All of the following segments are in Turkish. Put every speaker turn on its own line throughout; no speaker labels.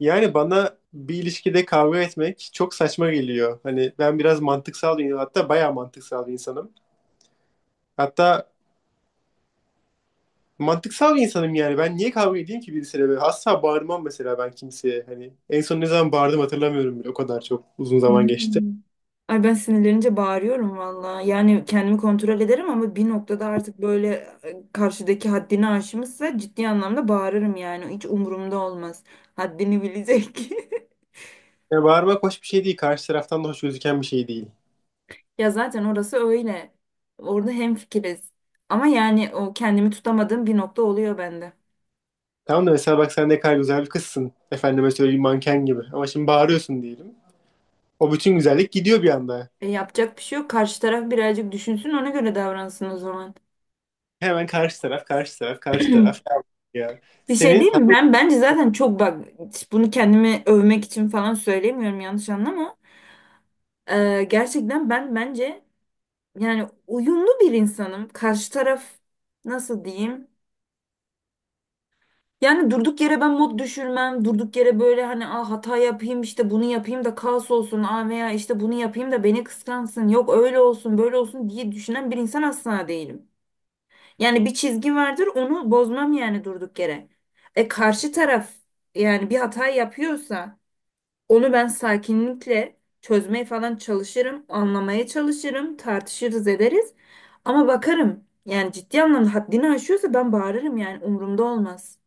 Yani bana bir ilişkide kavga etmek çok saçma geliyor. Hani ben biraz mantıksal bir, hatta bayağı mantıksal bir insanım. Hatta mantıksal bir insanım yani. Ben niye kavga edeyim ki birisiyle böyle? Asla bağırmam mesela ben kimseye. Hani en son ne zaman bağırdım hatırlamıyorum bile. O kadar çok uzun zaman geçti.
Hmm. Ay, ben sinirlenince bağırıyorum valla. Yani kendimi kontrol ederim ama bir noktada artık böyle karşıdaki haddini aşmışsa ciddi anlamda bağırırım yani. Hiç umurumda olmaz. Haddini bilecek.
Yani bağırmak hoş bir şey değil. Karşı taraftan da hoş gözüken bir şey değil.
Ya zaten orası öyle. Orada hemfikiriz. Ama yani o kendimi tutamadığım bir nokta oluyor bende.
Tamam da mesela bak sen ne kadar güzel bir kızsın. Efendime söyleyeyim manken gibi. Ama şimdi bağırıyorsun diyelim. O bütün güzellik gidiyor bir anda.
Yapacak bir şey yok. Karşı taraf birazcık düşünsün, ona göre davransın o zaman.
Hemen karşı taraf, karşı taraf, karşı taraf. Ya
Bir şey
senin
değil mi?
hanım
Ben bence zaten çok bak, bunu kendimi övmek için falan söylemiyorum, yanlış anlama. Gerçekten ben bence yani uyumlu bir insanım. Karşı taraf nasıl diyeyim? Yani durduk yere ben mod düşürmem. Durduk yere böyle hani ah hata yapayım, işte bunu yapayım da kaos olsun. Aa, veya işte bunu yapayım da beni kıskansın. Yok, öyle olsun böyle olsun diye düşünen bir insan asla değilim. Yani bir çizgi vardır, onu bozmam yani durduk yere. E, karşı taraf yani bir hata yapıyorsa onu ben sakinlikle çözmeye falan çalışırım, anlamaya çalışırım, tartışırız ederiz. Ama bakarım, yani ciddi anlamda haddini aşıyorsa ben bağırırım yani, umurumda olmaz.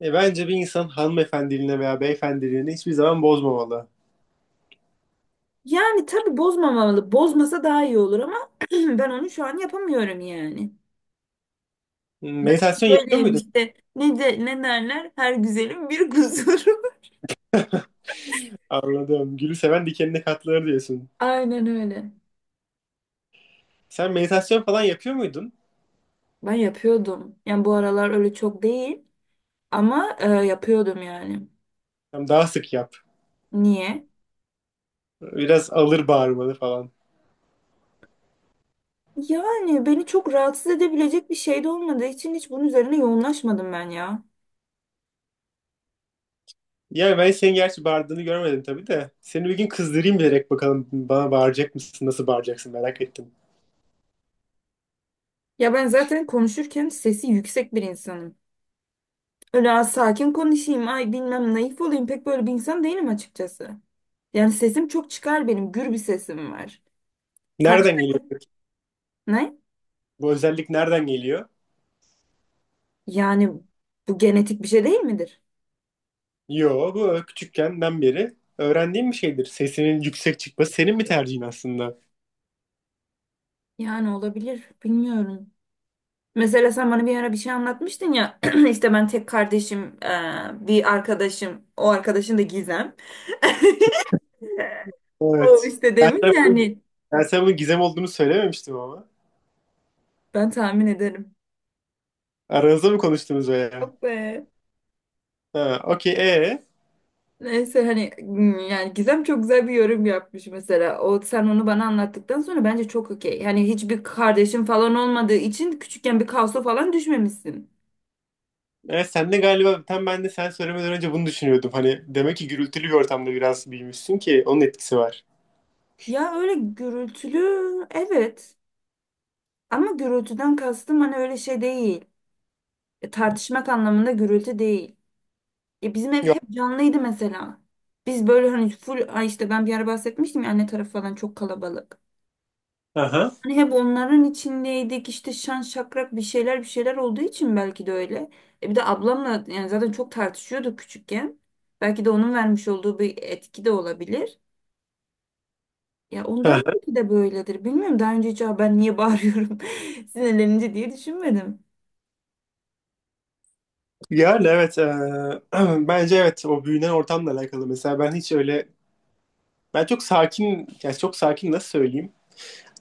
Bence bir insan hanımefendiliğine veya beyefendiliğine hiçbir zaman bozmamalı.
Yani tabii bozmamalı. Bozmasa daha iyi olur ama ben onu şu an yapamıyorum yani.
Hmm.
Ben de
Meditasyon yapıyor
böyleyim
muydun?
işte. Ne de ne derler? Her güzelin bir kusuru.
Anladım. Gülü seven dikenine katlanır diyorsun.
Aynen öyle.
Sen meditasyon falan yapıyor muydun?
Ben yapıyordum. Yani bu aralar öyle çok değil ama yapıyordum yani.
Tamam, daha sık yap.
Niye?
Biraz alır bağırmanı falan.
Yani beni çok rahatsız edebilecek bir şey de olmadığı için hiç bunun üzerine yoğunlaşmadım ben ya.
Yani ben senin gerçi bağırdığını görmedim tabii de. Seni bir gün kızdırayım bilerek bakalım bana bağıracak mısın? Nasıl bağıracaksın merak ettim.
Ya ben zaten konuşurken sesi yüksek bir insanım. Öyle "Aa, sakin konuşayım, ay bilmem naif olayım" pek böyle bir insan değilim açıkçası. Yani sesim çok çıkar benim, gür bir sesim var. Kaç,
Nereden geliyor peki?
ne?
Bu özellik nereden geliyor?
Yani bu genetik bir şey değil midir?
Yo, bu küçükkenden beri öğrendiğim bir şeydir. Sesinin yüksek çıkması senin bir tercihin aslında.
Yani olabilir, bilmiyorum. Mesela sen bana bir ara bir şey anlatmıştın ya, işte ben tek kardeşim, bir arkadaşım, o arkadaşın da Gizem. O
Evet.
işte
Ben
demiş
sana bunun,
yani
ben sana bunun gizem olduğunu söylememiştim ama.
ben tahmin ederim.
Aranızda mı konuştunuz veya?
Yok be.
Ha, okey. Ee?
Neyse hani yani Gizem çok güzel bir yorum yapmış mesela. O sen onu bana anlattıktan sonra bence çok okey. Hani hiçbir kardeşin falan olmadığı için küçükken bir kaosa falan düşmemişsin.
Sen de galiba tam ben de sen söylemeden önce bunu düşünüyordum. Hani demek ki gürültülü bir ortamda biraz büyümüşsün ki onun etkisi var.
Ya öyle gürültülü, evet. Ama gürültüden kastım hani öyle şey değil. Tartışmak anlamında gürültü değil. Bizim ev
Yok.
hep canlıydı mesela. Biz böyle hani full ay işte ben bir ara bahsetmiştim ya, anne tarafı falan çok kalabalık.
Aha.
Hani hep onların içindeydik, işte şan şakrak bir şeyler bir şeyler olduğu için belki de öyle. E, bir de ablamla yani zaten çok tartışıyorduk küçükken. Belki de onun vermiş olduğu bir etki de olabilir. Ya ondan
Aha.
belki de böyledir. Bilmiyorum, daha önce hiç "Aa, ben niye bağırıyorum sinirlenince" diye düşünmedim.
Yani evet. e, Bence evet, o büyünen ortamla alakalı. Mesela ben hiç öyle, ben çok sakin, yani çok sakin, nasıl söyleyeyim?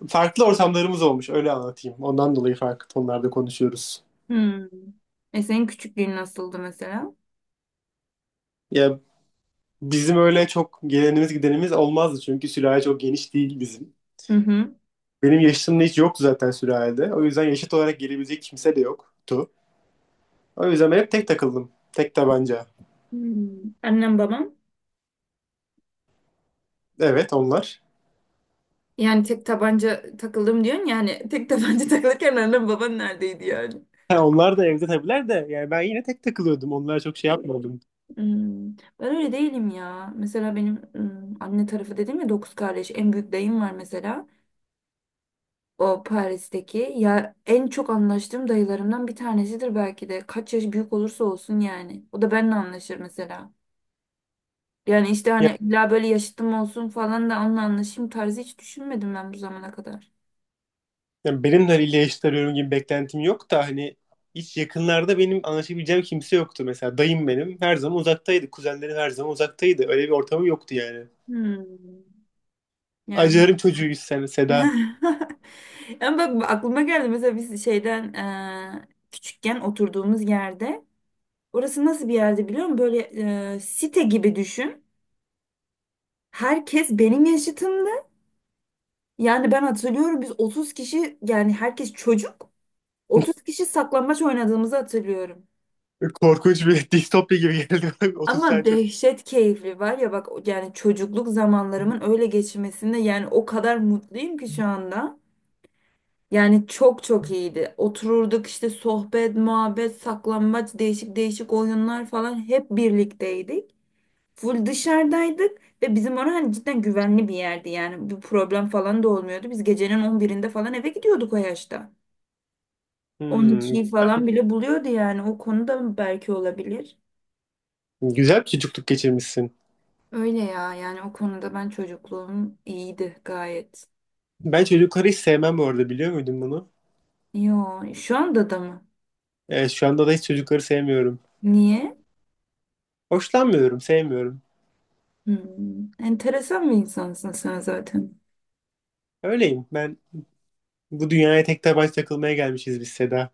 Farklı ortamlarımız olmuş, öyle anlatayım. Ondan dolayı farklı tonlarda konuşuyoruz.
Hmm. E, senin küçüklüğün nasıldı mesela?
Ya, bizim öyle çok gelenimiz gidenimiz olmazdı çünkü sülale çok geniş değil bizim.
Hı hı.
Benim yaşımda hiç yoktu zaten sülalede. O yüzden yaşıt olarak gelebilecek kimse de yoktu. O yüzden ben hep tek takıldım. Tek tabanca.
Hmm. Annem babam.
Evet, onlar.
Yani tek tabanca takıldım diyorsun, yani tek tabanca takılırken annem baban neredeydi yani?
Ha, onlar da evde tabiler de yani ben yine tek takılıyordum. Onlar çok şey yapmadım.
Hmm. Ben öyle değilim ya. Mesela benim anne tarafı dedim ya, dokuz kardeş. En büyük dayım var mesela. O Paris'teki. Ya en çok anlaştığım dayılarımdan bir tanesidir belki de. Kaç yaş büyük olursa olsun yani. O da benimle anlaşır mesela. Yani işte
Ya-
hani illa böyle yaşıtım olsun falan da onunla anlaşayım tarzı hiç düşünmedim ben bu zamana kadar.
Yani, benim haliyle yaşıt arıyorum gibi beklentim yok da, hani hiç yakınlarda benim anlaşabileceğim kimse yoktu. Mesela dayım benim her zaman uzaktaydı. Kuzenlerim her zaman uzaktaydı. Öyle bir ortamım yoktu yani.
Hmm. Yani.
Acılarım çocuğuyuz sen Seda.
Ama bak aklıma geldi, mesela biz şeyden küçükken oturduğumuz yerde, orası nasıl bir yerde biliyor musun? Böyle site gibi düşün. Herkes benim yaşıtımdı. Yani ben hatırlıyorum biz 30 kişi, yani herkes çocuk. 30 kişi saklambaç oynadığımızı hatırlıyorum.
Korkunç bir distopya gibi geldi. 30 tane
Ama
çocuk.
dehşet keyifli, var ya bak, yani çocukluk zamanlarımın öyle geçmesinde yani o kadar mutluyum ki şu anda. Yani çok çok iyiydi. Otururduk işte, sohbet, muhabbet, saklambaç, değişik değişik oyunlar falan, hep birlikteydik. Full dışarıdaydık ve bizim orası hani cidden güvenli bir yerdi, yani bir problem falan da olmuyordu. Biz gecenin 11'inde falan eve gidiyorduk o yaşta.
Hmm,
12'yi
güzel
falan
mi?
bile buluyordu, yani o konuda belki olabilir.
Güzel bir çocukluk geçirmişsin.
Öyle ya, yani o konuda ben çocukluğum iyiydi gayet.
Ben çocukları hiç sevmem bu arada, biliyor muydun bunu?
Yo, şu anda da mı?
Evet, şu anda da hiç çocukları sevmiyorum.
Niye?
Hoşlanmıyorum, sevmiyorum.
Hmm, enteresan bir insansın sen zaten.
Öyleyim. Ben bu dünyaya tek tabanca takılmaya gelmişiz biz Seda.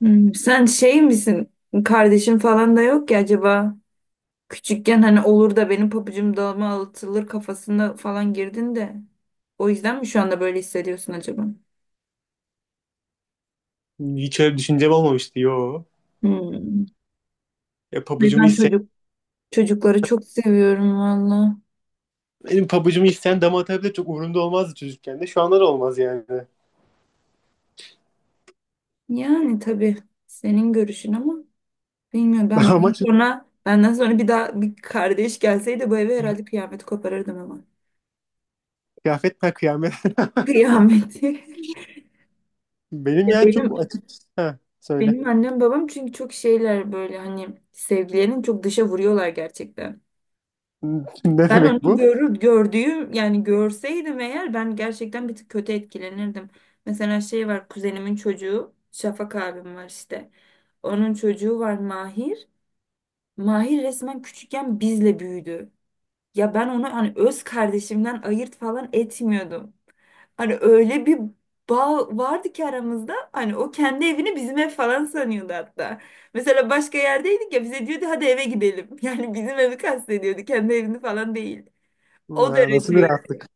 Hmm, sen şey misin? Kardeşin falan da yok ki, acaba küçükken hani olur da benim pabucum dağıma atılır kafasına falan girdin de, o yüzden mi şu anda böyle hissediyorsun acaba?
Hiç öyle bir düşüncem olmamıştı. Yo.
Hmm.
Ya,
Ay,
pabucumu
ben
isteyen,
çocuk, çocukları çok seviyorum valla.
benim pabucumu isteyen dama atabilir, çok umurumda olmazdı çocukken de. Şu anda da olmaz yani.
Yani tabii senin görüşün ama bilmiyorum, ben
Ama
benden
çocuk-
sonra benden sonra bir daha bir kardeş gelseydi bu eve herhalde kıyameti koparırdım ama.
Kıyafet per kıyamet.
Kıyameti.
Benim
Ya
yani çok
benim
açık. Ha, söyle.
benim annem babam çünkü çok şeyler böyle hani sevgilerini çok dışa vuruyorlar gerçekten.
Ne
Ben
demek
onu
bu?
görür, gördüğüm yani görseydim eğer, ben gerçekten bir tık kötü etkilenirdim. Mesela şey var, kuzenimin çocuğu Şafak abim var işte. Onun çocuğu var, Mahir. Mahir resmen küçükken bizle büyüdü. Ya ben onu hani öz kardeşimden ayırt falan etmiyordum. Hani öyle bir bağ vardı ki aramızda. Hani o kendi evini bizim ev falan sanıyordu hatta. Mesela başka yerdeydik ya, bize diyordu hadi eve gidelim. Yani bizim evi kastediyordu, kendi evini falan değil. O
Ha, nasıl bir
dereceydi.
rahatlık?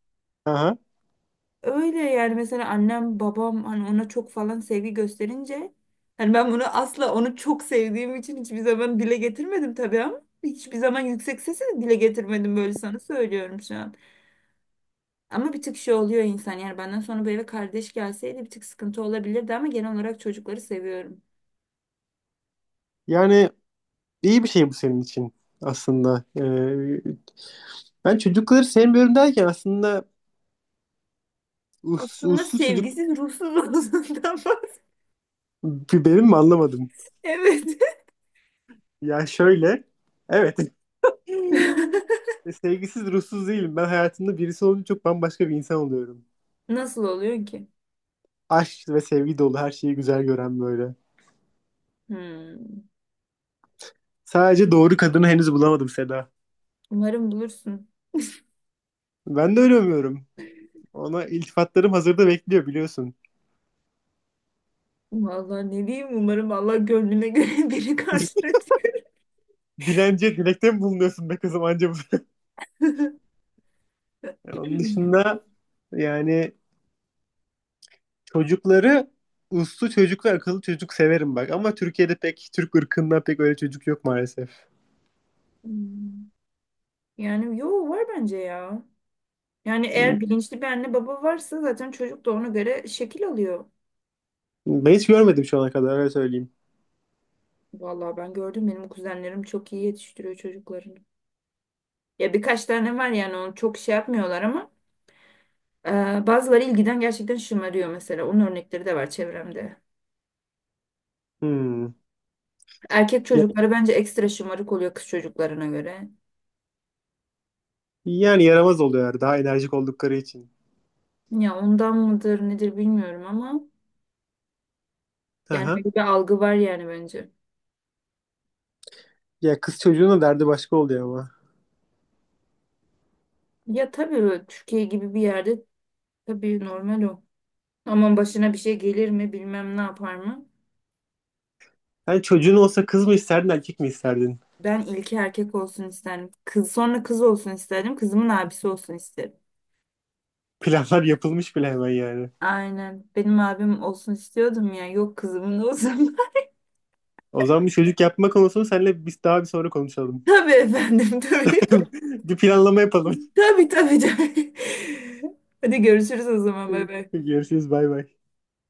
Aha.
Öyle yani, mesela annem babam hani ona çok falan sevgi gösterince hani ben bunu asla, onu çok sevdiğim için hiçbir zaman dile getirmedim tabii, ama hiçbir zaman yüksek sesle de dile getirmedim, böyle sana söylüyorum şu an. Ama bir tık şey oluyor insan, yani benden sonra bu eve kardeş gelseydi bir tık sıkıntı olabilirdi, ama genel olarak çocukları seviyorum.
Yani iyi bir şey bu senin için aslında. Ben çocukları sevmiyorum derken aslında uslu,
Aslında
uslu çocuk
sevgisiz ruhsuz olduğundan bahsediyorum.
bir benim mi, anlamadım.
Evet.
Ya şöyle, evet. Sevgisiz, ruhsuz değilim. Ben hayatımda birisi olunca çok bambaşka bir insan oluyorum.
Nasıl oluyor ki?
Aşk ve sevgi dolu, her şeyi güzel gören böyle.
Hmm.
Sadece doğru kadını henüz bulamadım Seda.
Umarım bulursun.
Ben de öyle umuyorum. Ona iltifatlarım hazırda bekliyor biliyorsun.
Vallahi ne diyeyim, umarım Allah gönlüne göre biri karşılatır.
Dilenciye dilekte mi bulunuyorsun be kızım anca bu Onun dışında yani çocukları, uslu çocuklar, akıllı çocuk severim bak. Ama Türkiye'de pek, Türk ırkında pek öyle çocuk yok maalesef.
Hmm. Yani yo, var bence ya. Yani eğer bilinçli bir anne baba varsa zaten çocuk da ona göre şekil alıyor.
Ben hiç görmedim şu ana kadar, öyle söyleyeyim.
Vallahi ben gördüm, benim kuzenlerim çok iyi yetiştiriyor çocuklarını. Ya birkaç tane var, yani onu çok şey yapmıyorlar ama bazıları ilgiden gerçekten şımarıyor mesela. Onun örnekleri de var çevremde.
Hmm.
Erkek
Ya-
çocukları bence ekstra şımarık oluyor kız çocuklarına göre.
Yani yaramaz oluyorlar daha enerjik oldukları için.
Ya ondan mıdır nedir bilmiyorum ama yani
Aha.
böyle bir algı var yani bence.
Ya, kız çocuğunun derdi başka oluyor ama.
Ya tabii, öyle Türkiye gibi bir yerde tabii normal o. Ama başına bir şey gelir mi bilmem, ne yapar mı?
Sen çocuğun olsa kız mı isterdin, erkek mi isterdin?
Ben ilki erkek olsun isterdim. Kız, sonra kız olsun isterdim. Kızımın abisi olsun isterim.
Planlar yapılmış bile hemen yani.
Aynen. Benim abim olsun istiyordum ya. Yok, kızımın olsun.
O zaman bir çocuk yapma konusunu seninle biz daha bir sonra konuşalım.
Tabii efendim, tabii.
Bir planlama yapalım.
Tabii tabii tabii. Hadi görüşürüz o zaman bebe.
Görüşürüz, bay bay.